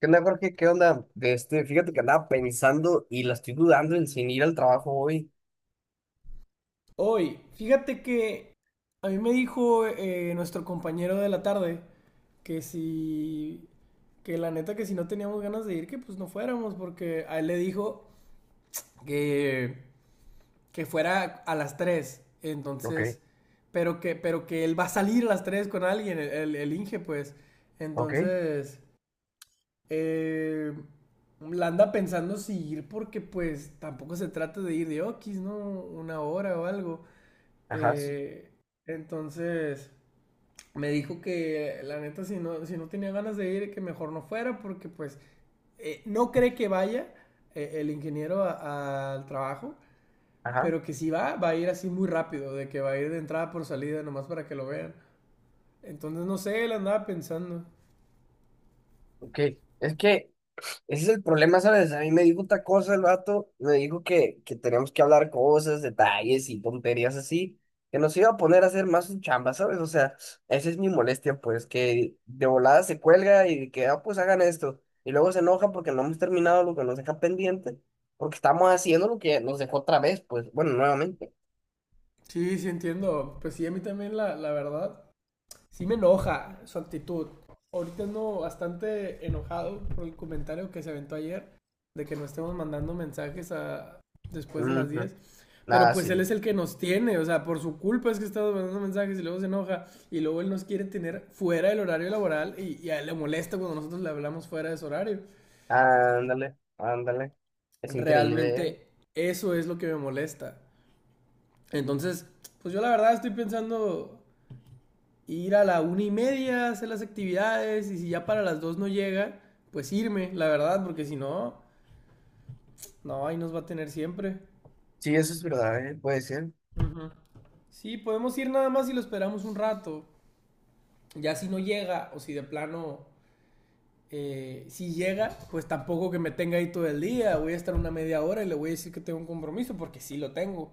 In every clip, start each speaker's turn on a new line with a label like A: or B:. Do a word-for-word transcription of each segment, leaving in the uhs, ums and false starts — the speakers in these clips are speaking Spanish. A: ¿Qué onda, Jorge? ¿Qué onda? Este, fíjate que andaba pensando y la estoy dudando en sin ir al trabajo hoy.
B: Hoy, fíjate que a mí me dijo eh, nuestro compañero de la tarde que si, que la neta que si no teníamos ganas de ir, que pues no fuéramos, porque a él le dijo que, que fuera a las tres
A: Ok,
B: entonces, pero que, pero que él va a salir a las tres con alguien, el, el, el Inge, pues,
A: ok,
B: entonces, eh, la anda pensando si ir porque pues tampoco se trata de ir de Oquis, ¿no? Una hora o algo.
A: ajá, sí,
B: Eh, entonces me dijo que la neta si no, si no tenía ganas de ir, que mejor no fuera porque pues eh, no cree que vaya eh, el ingeniero a- al trabajo,
A: ajá,
B: pero que si va, va a ir así muy rápido, de que va a ir de entrada por salida nomás para que lo vean. Entonces no sé, él andaba pensando.
A: Ok, es que ese es el problema, ¿sabes? A mí me dijo otra cosa el vato, me dijo que, que teníamos que hablar cosas, detalles y tonterías así, que nos iba a poner a hacer más su chamba, ¿sabes? O sea, esa es mi molestia, pues, que de volada se cuelga y que, ah, pues hagan esto. Y luego se enoja porque no hemos terminado lo que nos deja pendiente, porque estamos haciendo lo que nos dejó otra vez, pues, bueno, nuevamente.
B: Sí, sí entiendo. Pues sí, a mí también la, la verdad. Sí me enoja su actitud. Ahorita ando bastante enojado por el comentario que se aventó ayer de que no estemos mandando mensajes a después de las
A: Ujú.
B: diez. Pero
A: Nada,
B: pues
A: sí.
B: él es el que nos tiene, o sea, por su culpa es que estamos mandando mensajes y luego se enoja y luego él nos quiere tener fuera del horario laboral y, y a él le molesta cuando nosotros le hablamos fuera de ese horario.
A: Ándale, ándale. Es increíble, ¿eh?
B: Realmente eso es lo que me molesta. Entonces, pues yo la verdad estoy pensando ir a la una y media a hacer las actividades y si ya para las dos no llega, pues irme, la verdad, porque si no, no, ahí nos va a tener siempre.
A: Sí, eso es verdad, ¿eh? Puede ser.
B: Ujú. Sí, podemos ir nada más si lo esperamos un rato. Ya si no llega o si de plano, eh, si llega, pues tampoco que me tenga ahí todo el día. Voy a estar una media hora y le voy a decir que tengo un compromiso porque sí lo tengo.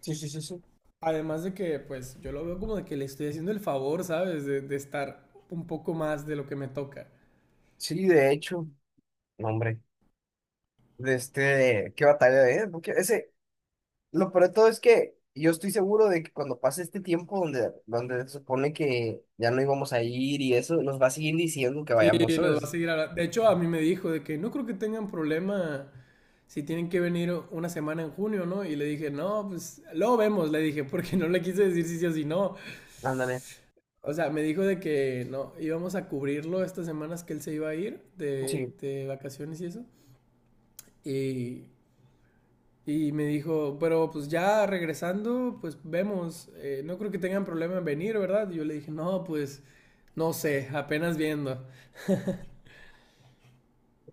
A: Sí, sí, sí, sí.
B: Además de que, pues yo lo veo como de que le estoy haciendo el favor, ¿sabes? De, de estar un poco más de lo que me toca.
A: Sí, de hecho. No, hombre. De este, qué batalla, ¿eh? Porque ese, lo peor de todo es que yo estoy seguro de que cuando pase este tiempo donde, donde se supone que ya no íbamos a ir y eso, nos va a seguir diciendo que
B: Sí,
A: vayamos,
B: nos va a
A: ¿sabes?
B: seguir hablando. De hecho, a mí me dijo de que no creo que tengan problema si tienen que venir una semana en junio, ¿no? Y le dije, no, pues luego vemos, le dije, porque no le quise decir si sí o si no.
A: Ándale.
B: O sea, me dijo de que no, íbamos a cubrirlo estas semanas que él se iba a ir de,
A: Sí.
B: de vacaciones y eso. Y, y me dijo, pero pues ya regresando, pues vemos, eh, no creo que tengan problema en venir, ¿verdad? Y yo le dije, no, pues no sé, apenas viendo.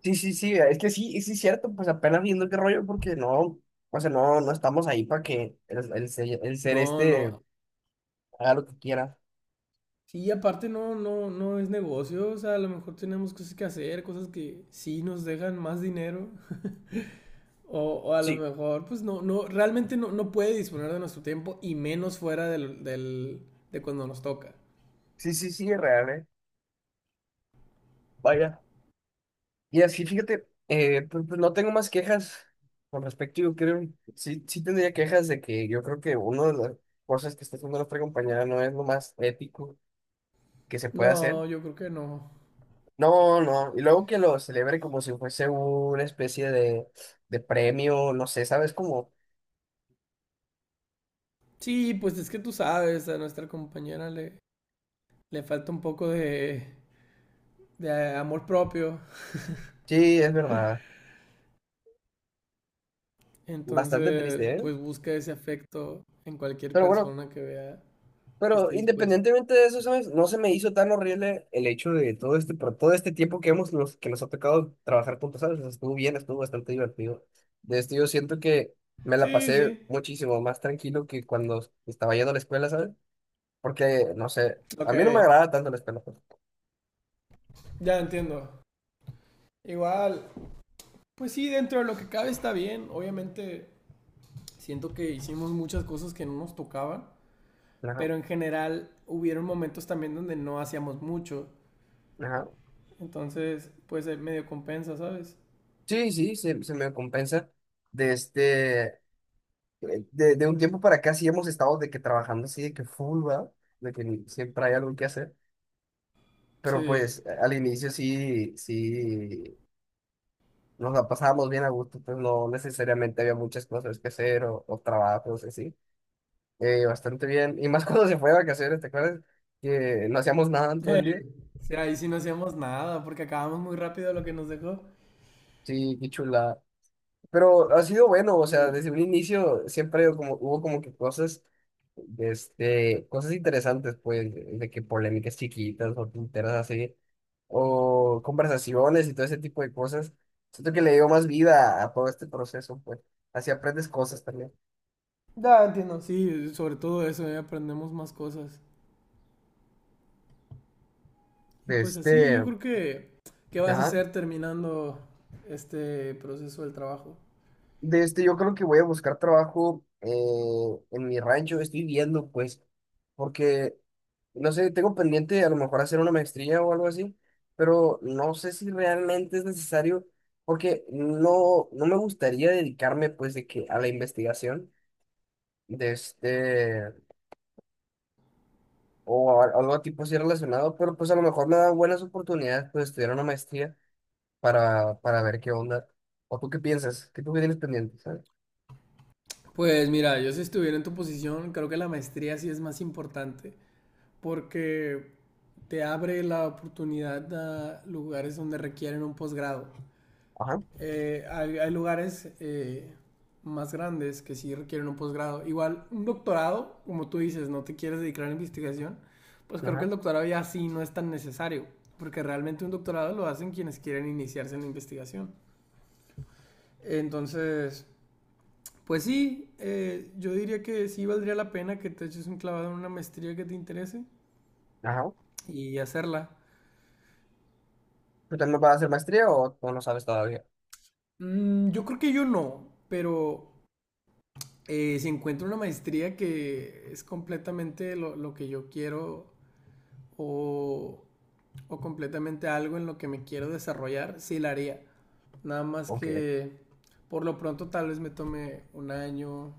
A: Sí, sí, sí. Es que sí, sí es cierto, pues apenas viendo qué rollo, porque no, o sea, no, no estamos ahí para que el, el, ser- el ser
B: No,
A: este.
B: no,
A: haga lo que quiera.
B: sí, aparte no, no, no es negocio, o sea, a lo mejor tenemos cosas que hacer, cosas que sí nos dejan más dinero, o, o a lo
A: Sí,
B: mejor, pues no, no, realmente no, no puede disponer de nuestro tiempo y menos fuera del, del, de cuando nos toca.
A: sí, sí, sí, es real, ¿eh? Vaya. Y así, fíjate, eh, pues, pues no tengo más quejas con respecto, yo creo, sí, sí tendría quejas de que yo creo que una de las cosas que está haciendo nuestra compañera no es lo más ético que se puede hacer.
B: No, yo creo que no.
A: No, no, y luego que lo celebre como si fuese una especie de, de premio, no sé, ¿sabes? Como,
B: Sí, pues es que tú sabes, a nuestra compañera le, le falta un poco de, de amor propio,
A: sí, es verdad, bastante
B: entonces,
A: triste, ¿eh?
B: pues busca ese afecto en cualquier
A: Pero bueno,
B: persona que vea que
A: pero
B: esté dispuesta.
A: independientemente de eso, ¿sabes? No se me hizo tan horrible el hecho de todo este, por todo este tiempo que hemos, nos, que nos ha tocado trabajar juntos, ¿sabes? O sea, estuvo bien, estuvo bastante divertido. De esto yo siento que me la
B: Sí, sí,
A: pasé muchísimo más tranquilo que cuando estaba yendo a la escuela, ¿sabes? Porque, no sé, a
B: ok.
A: mí no me agrada tanto la escuela, pues.
B: Ya entiendo. Igual, pues sí, dentro de lo que cabe está bien. Obviamente, siento que hicimos muchas cosas que no nos tocaban,
A: Ajá,
B: pero en general hubieron momentos también donde no hacíamos mucho.
A: ajá.
B: Entonces, pues eh, medio compensa, ¿sabes?
A: Sí, sí, se, se me compensa. De este, eh, de, de un tiempo para acá sí hemos estado de que trabajando así, de que full, ¿verdad? De que siempre hay algo que hacer. Pero
B: Sí.
A: pues al inicio sí, sí nos la pasábamos bien a gusto, pues no necesariamente había muchas cosas que hacer o, o trabajos así. Eh, bastante bien. Y más cuando se fue de vacaciones, ¿te acuerdas? Que no hacíamos nada en todo
B: Eh,
A: el día.
B: sí, ahí sí no hacíamos nada, porque acabamos muy rápido lo que nos dejó.
A: Sí, qué chula. Pero ha sido bueno, o sea,
B: Uy.
A: desde un inicio siempre como, hubo como que cosas, este, cosas interesantes, pues, de que polémicas chiquitas o tonteras así, o conversaciones y todo ese tipo de cosas. Siento que le dio más vida a todo este proceso, pues, así aprendes cosas también.
B: Ya entiendo, sí, sobre todo eso, eh, aprendemos más cosas. Y
A: De
B: pues así, yo
A: Este,
B: creo que, ¿qué vas a
A: ajá.
B: hacer terminando este proceso del trabajo?
A: De este, yo creo que voy a buscar trabajo eh, en mi rancho. Estoy viendo, pues, porque, no sé, tengo pendiente a lo mejor hacer una maestría o algo así, pero no sé si realmente es necesario, porque no, no me gustaría dedicarme, pues, de que a la investigación de este, o a- algo tipo así relacionado, pero pues a lo mejor me dan buenas oportunidades, pues, estudiar una maestría para, para ver qué onda. ¿O tú qué piensas? ¿Qué tú qué tienes pendiente? ¿Sabes?
B: Pues mira, yo si estuviera en tu posición, creo que la maestría sí es más importante porque te abre la oportunidad a lugares donde requieren un posgrado.
A: Ajá,
B: Eh, hay, hay lugares eh, más grandes que sí requieren un posgrado. Igual, un doctorado, como tú dices, no te quieres dedicar a la investigación, pues creo que el
A: ajá,
B: doctorado ya sí no es tan necesario, porque realmente un doctorado lo hacen quienes quieren iniciarse en la investigación. Entonces, pues sí, eh, yo diría que sí valdría la pena que te eches un clavado en una maestría que te interese
A: ajá.
B: y hacerla.
A: ¿Tú también vas a hacer maestría o, o no sabes todavía?
B: Mm, yo creo que yo no, pero eh, si encuentro una maestría que es completamente lo, lo que yo quiero o o completamente algo en lo que me quiero desarrollar, sí la haría. Nada más
A: Ok.
B: que por lo pronto tal vez me tome un año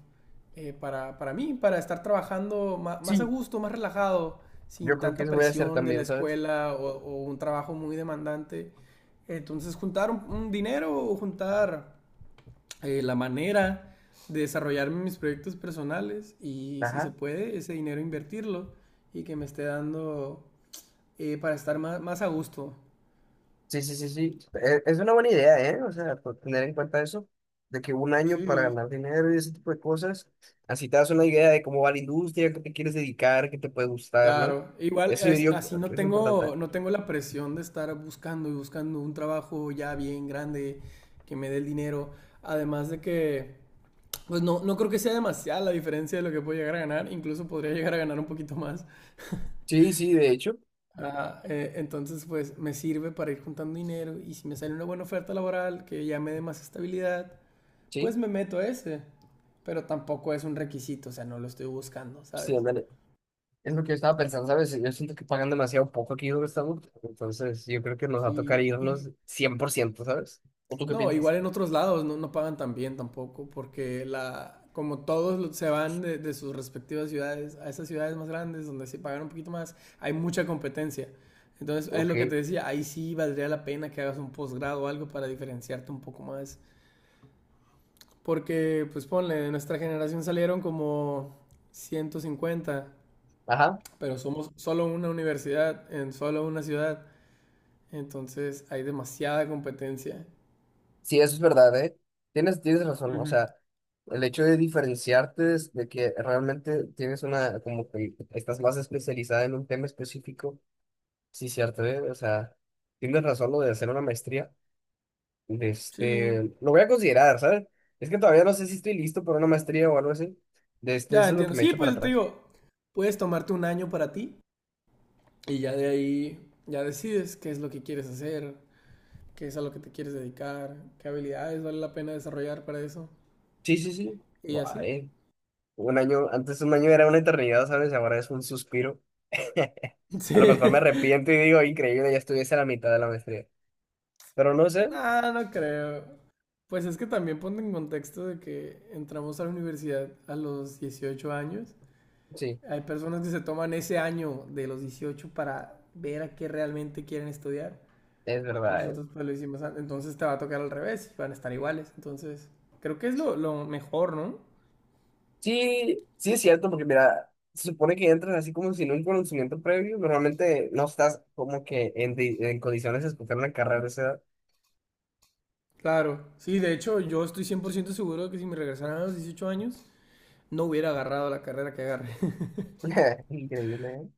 B: eh, para, para mí, para estar trabajando más, más, a
A: Sí,
B: gusto, más relajado,
A: yo
B: sin
A: creo que
B: tanta
A: eso voy a hacer
B: presión de la
A: también, ¿sabes?
B: escuela o, o un trabajo muy demandante. Entonces juntar un, un dinero o juntar eh, la manera de desarrollarme mis proyectos personales y si se
A: Ajá.
B: puede ese dinero invertirlo y que me esté dando eh, para estar más, más, a gusto.
A: Sí, sí, sí, sí. E- Es una buena idea, ¿eh? O sea, por tener en cuenta eso, de que un año para
B: Sí,
A: ganar dinero y ese tipo de cosas, así te das una idea de cómo va la industria, qué te quieres dedicar, qué te puede gustar, ¿no?
B: claro. Igual
A: Eso yo
B: es-
A: digo
B: así no
A: que es importante.
B: tengo, no tengo la presión de estar buscando y buscando un trabajo ya bien grande que me dé el dinero. Además de que, pues no, no creo que sea demasiada la diferencia de lo que puedo llegar a ganar. Incluso podría llegar a ganar un poquito más.
A: Sí, sí, de hecho,
B: Ah, eh, entonces, pues me sirve para ir juntando dinero y si me sale una buena oferta laboral que ya me dé más estabilidad, pues
A: sí,
B: me meto a ese. Pero tampoco es un requisito, o sea, no lo estoy buscando,
A: sí,
B: ¿sabes?
A: ándale. Es lo que yo estaba pensando, ¿sabes? Yo siento que pagan demasiado poco aquí donde estamos, entonces yo creo que nos va a tocar
B: Sí, y,
A: irnos cien por ciento, ¿sabes? ¿O tú qué
B: no,
A: piensas?
B: igual en otros lados no, no pagan tan bien tampoco, porque la, como todos lo- se van de, de sus respectivas ciudades a esas ciudades más grandes donde se pagan un poquito más, hay mucha competencia. Entonces, es
A: Ok,
B: lo que te decía, ahí sí valdría la pena que hagas un posgrado o algo para diferenciarte un poco más. Porque, pues ponle, de nuestra generación salieron como ciento cincuenta
A: ajá.
B: pero somos solo una universidad en solo una ciudad. Entonces, hay demasiada competencia.
A: Sí, eso es verdad, ¿eh? Tienes, tienes razón, o
B: Ujú.
A: sea, el hecho de diferenciarte es de que realmente tienes una, como que estás más especializada en un tema específico, sí, cierto, ¿eh? O sea, tienes razón lo de hacer una maestría, de
B: Sí,
A: este, lo voy a considerar, ¿sabes? Es que todavía no sé si estoy listo para una maestría o algo así, de este,
B: ya
A: eso es lo que
B: entiendo.
A: me
B: Sí,
A: echo para
B: pues te
A: atrás.
B: digo, puedes tomarte un año para ti y ya de ahí ya decides qué es lo que quieres hacer, qué es a lo que te quieres dedicar, qué habilidades vale la pena desarrollar para eso
A: Sí, sí, sí.
B: y así.
A: Guay. Un año, antes un año era una eternidad, ¿sabes? Ahora es un suspiro.
B: Sí.
A: A lo mejor me arrepiento y digo, increíble, ya estuviese a la mitad de la maestría. Pero no sé,
B: No, no creo. Pues es que también ponte en contexto de que entramos a la universidad a los dieciocho años.
A: sí,
B: Hay personas que se toman ese año de los dieciocho para ver a qué realmente quieren estudiar.
A: es verdad, ¿eh?
B: Nosotros pues lo hicimos antes. Entonces te va a tocar al revés. Van a estar iguales. Entonces, creo que es lo, lo mejor, ¿no?
A: Sí, sí es cierto, porque mira, se supone que entras así como sin un conocimiento previo, normalmente no estás como que en, di- en condiciones de escoger una carrera de esa edad.
B: Claro. Sí, de hecho, yo estoy cien por ciento seguro de que si me regresaran a los dieciocho años, no hubiera agarrado la carrera que agarré.
A: Increíble, ¿eh?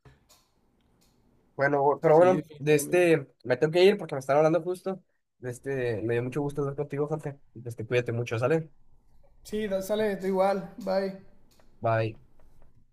A: Bueno, pero
B: Sí,
A: bueno, de
B: definitivamente.
A: este, me tengo que ir porque me están hablando justo. De este, me dio mucho gusto hablar contigo, Jorge. De este, cuídate mucho, ¿sale?
B: Sí, da- sale, tú igual. Bye.
A: Bye.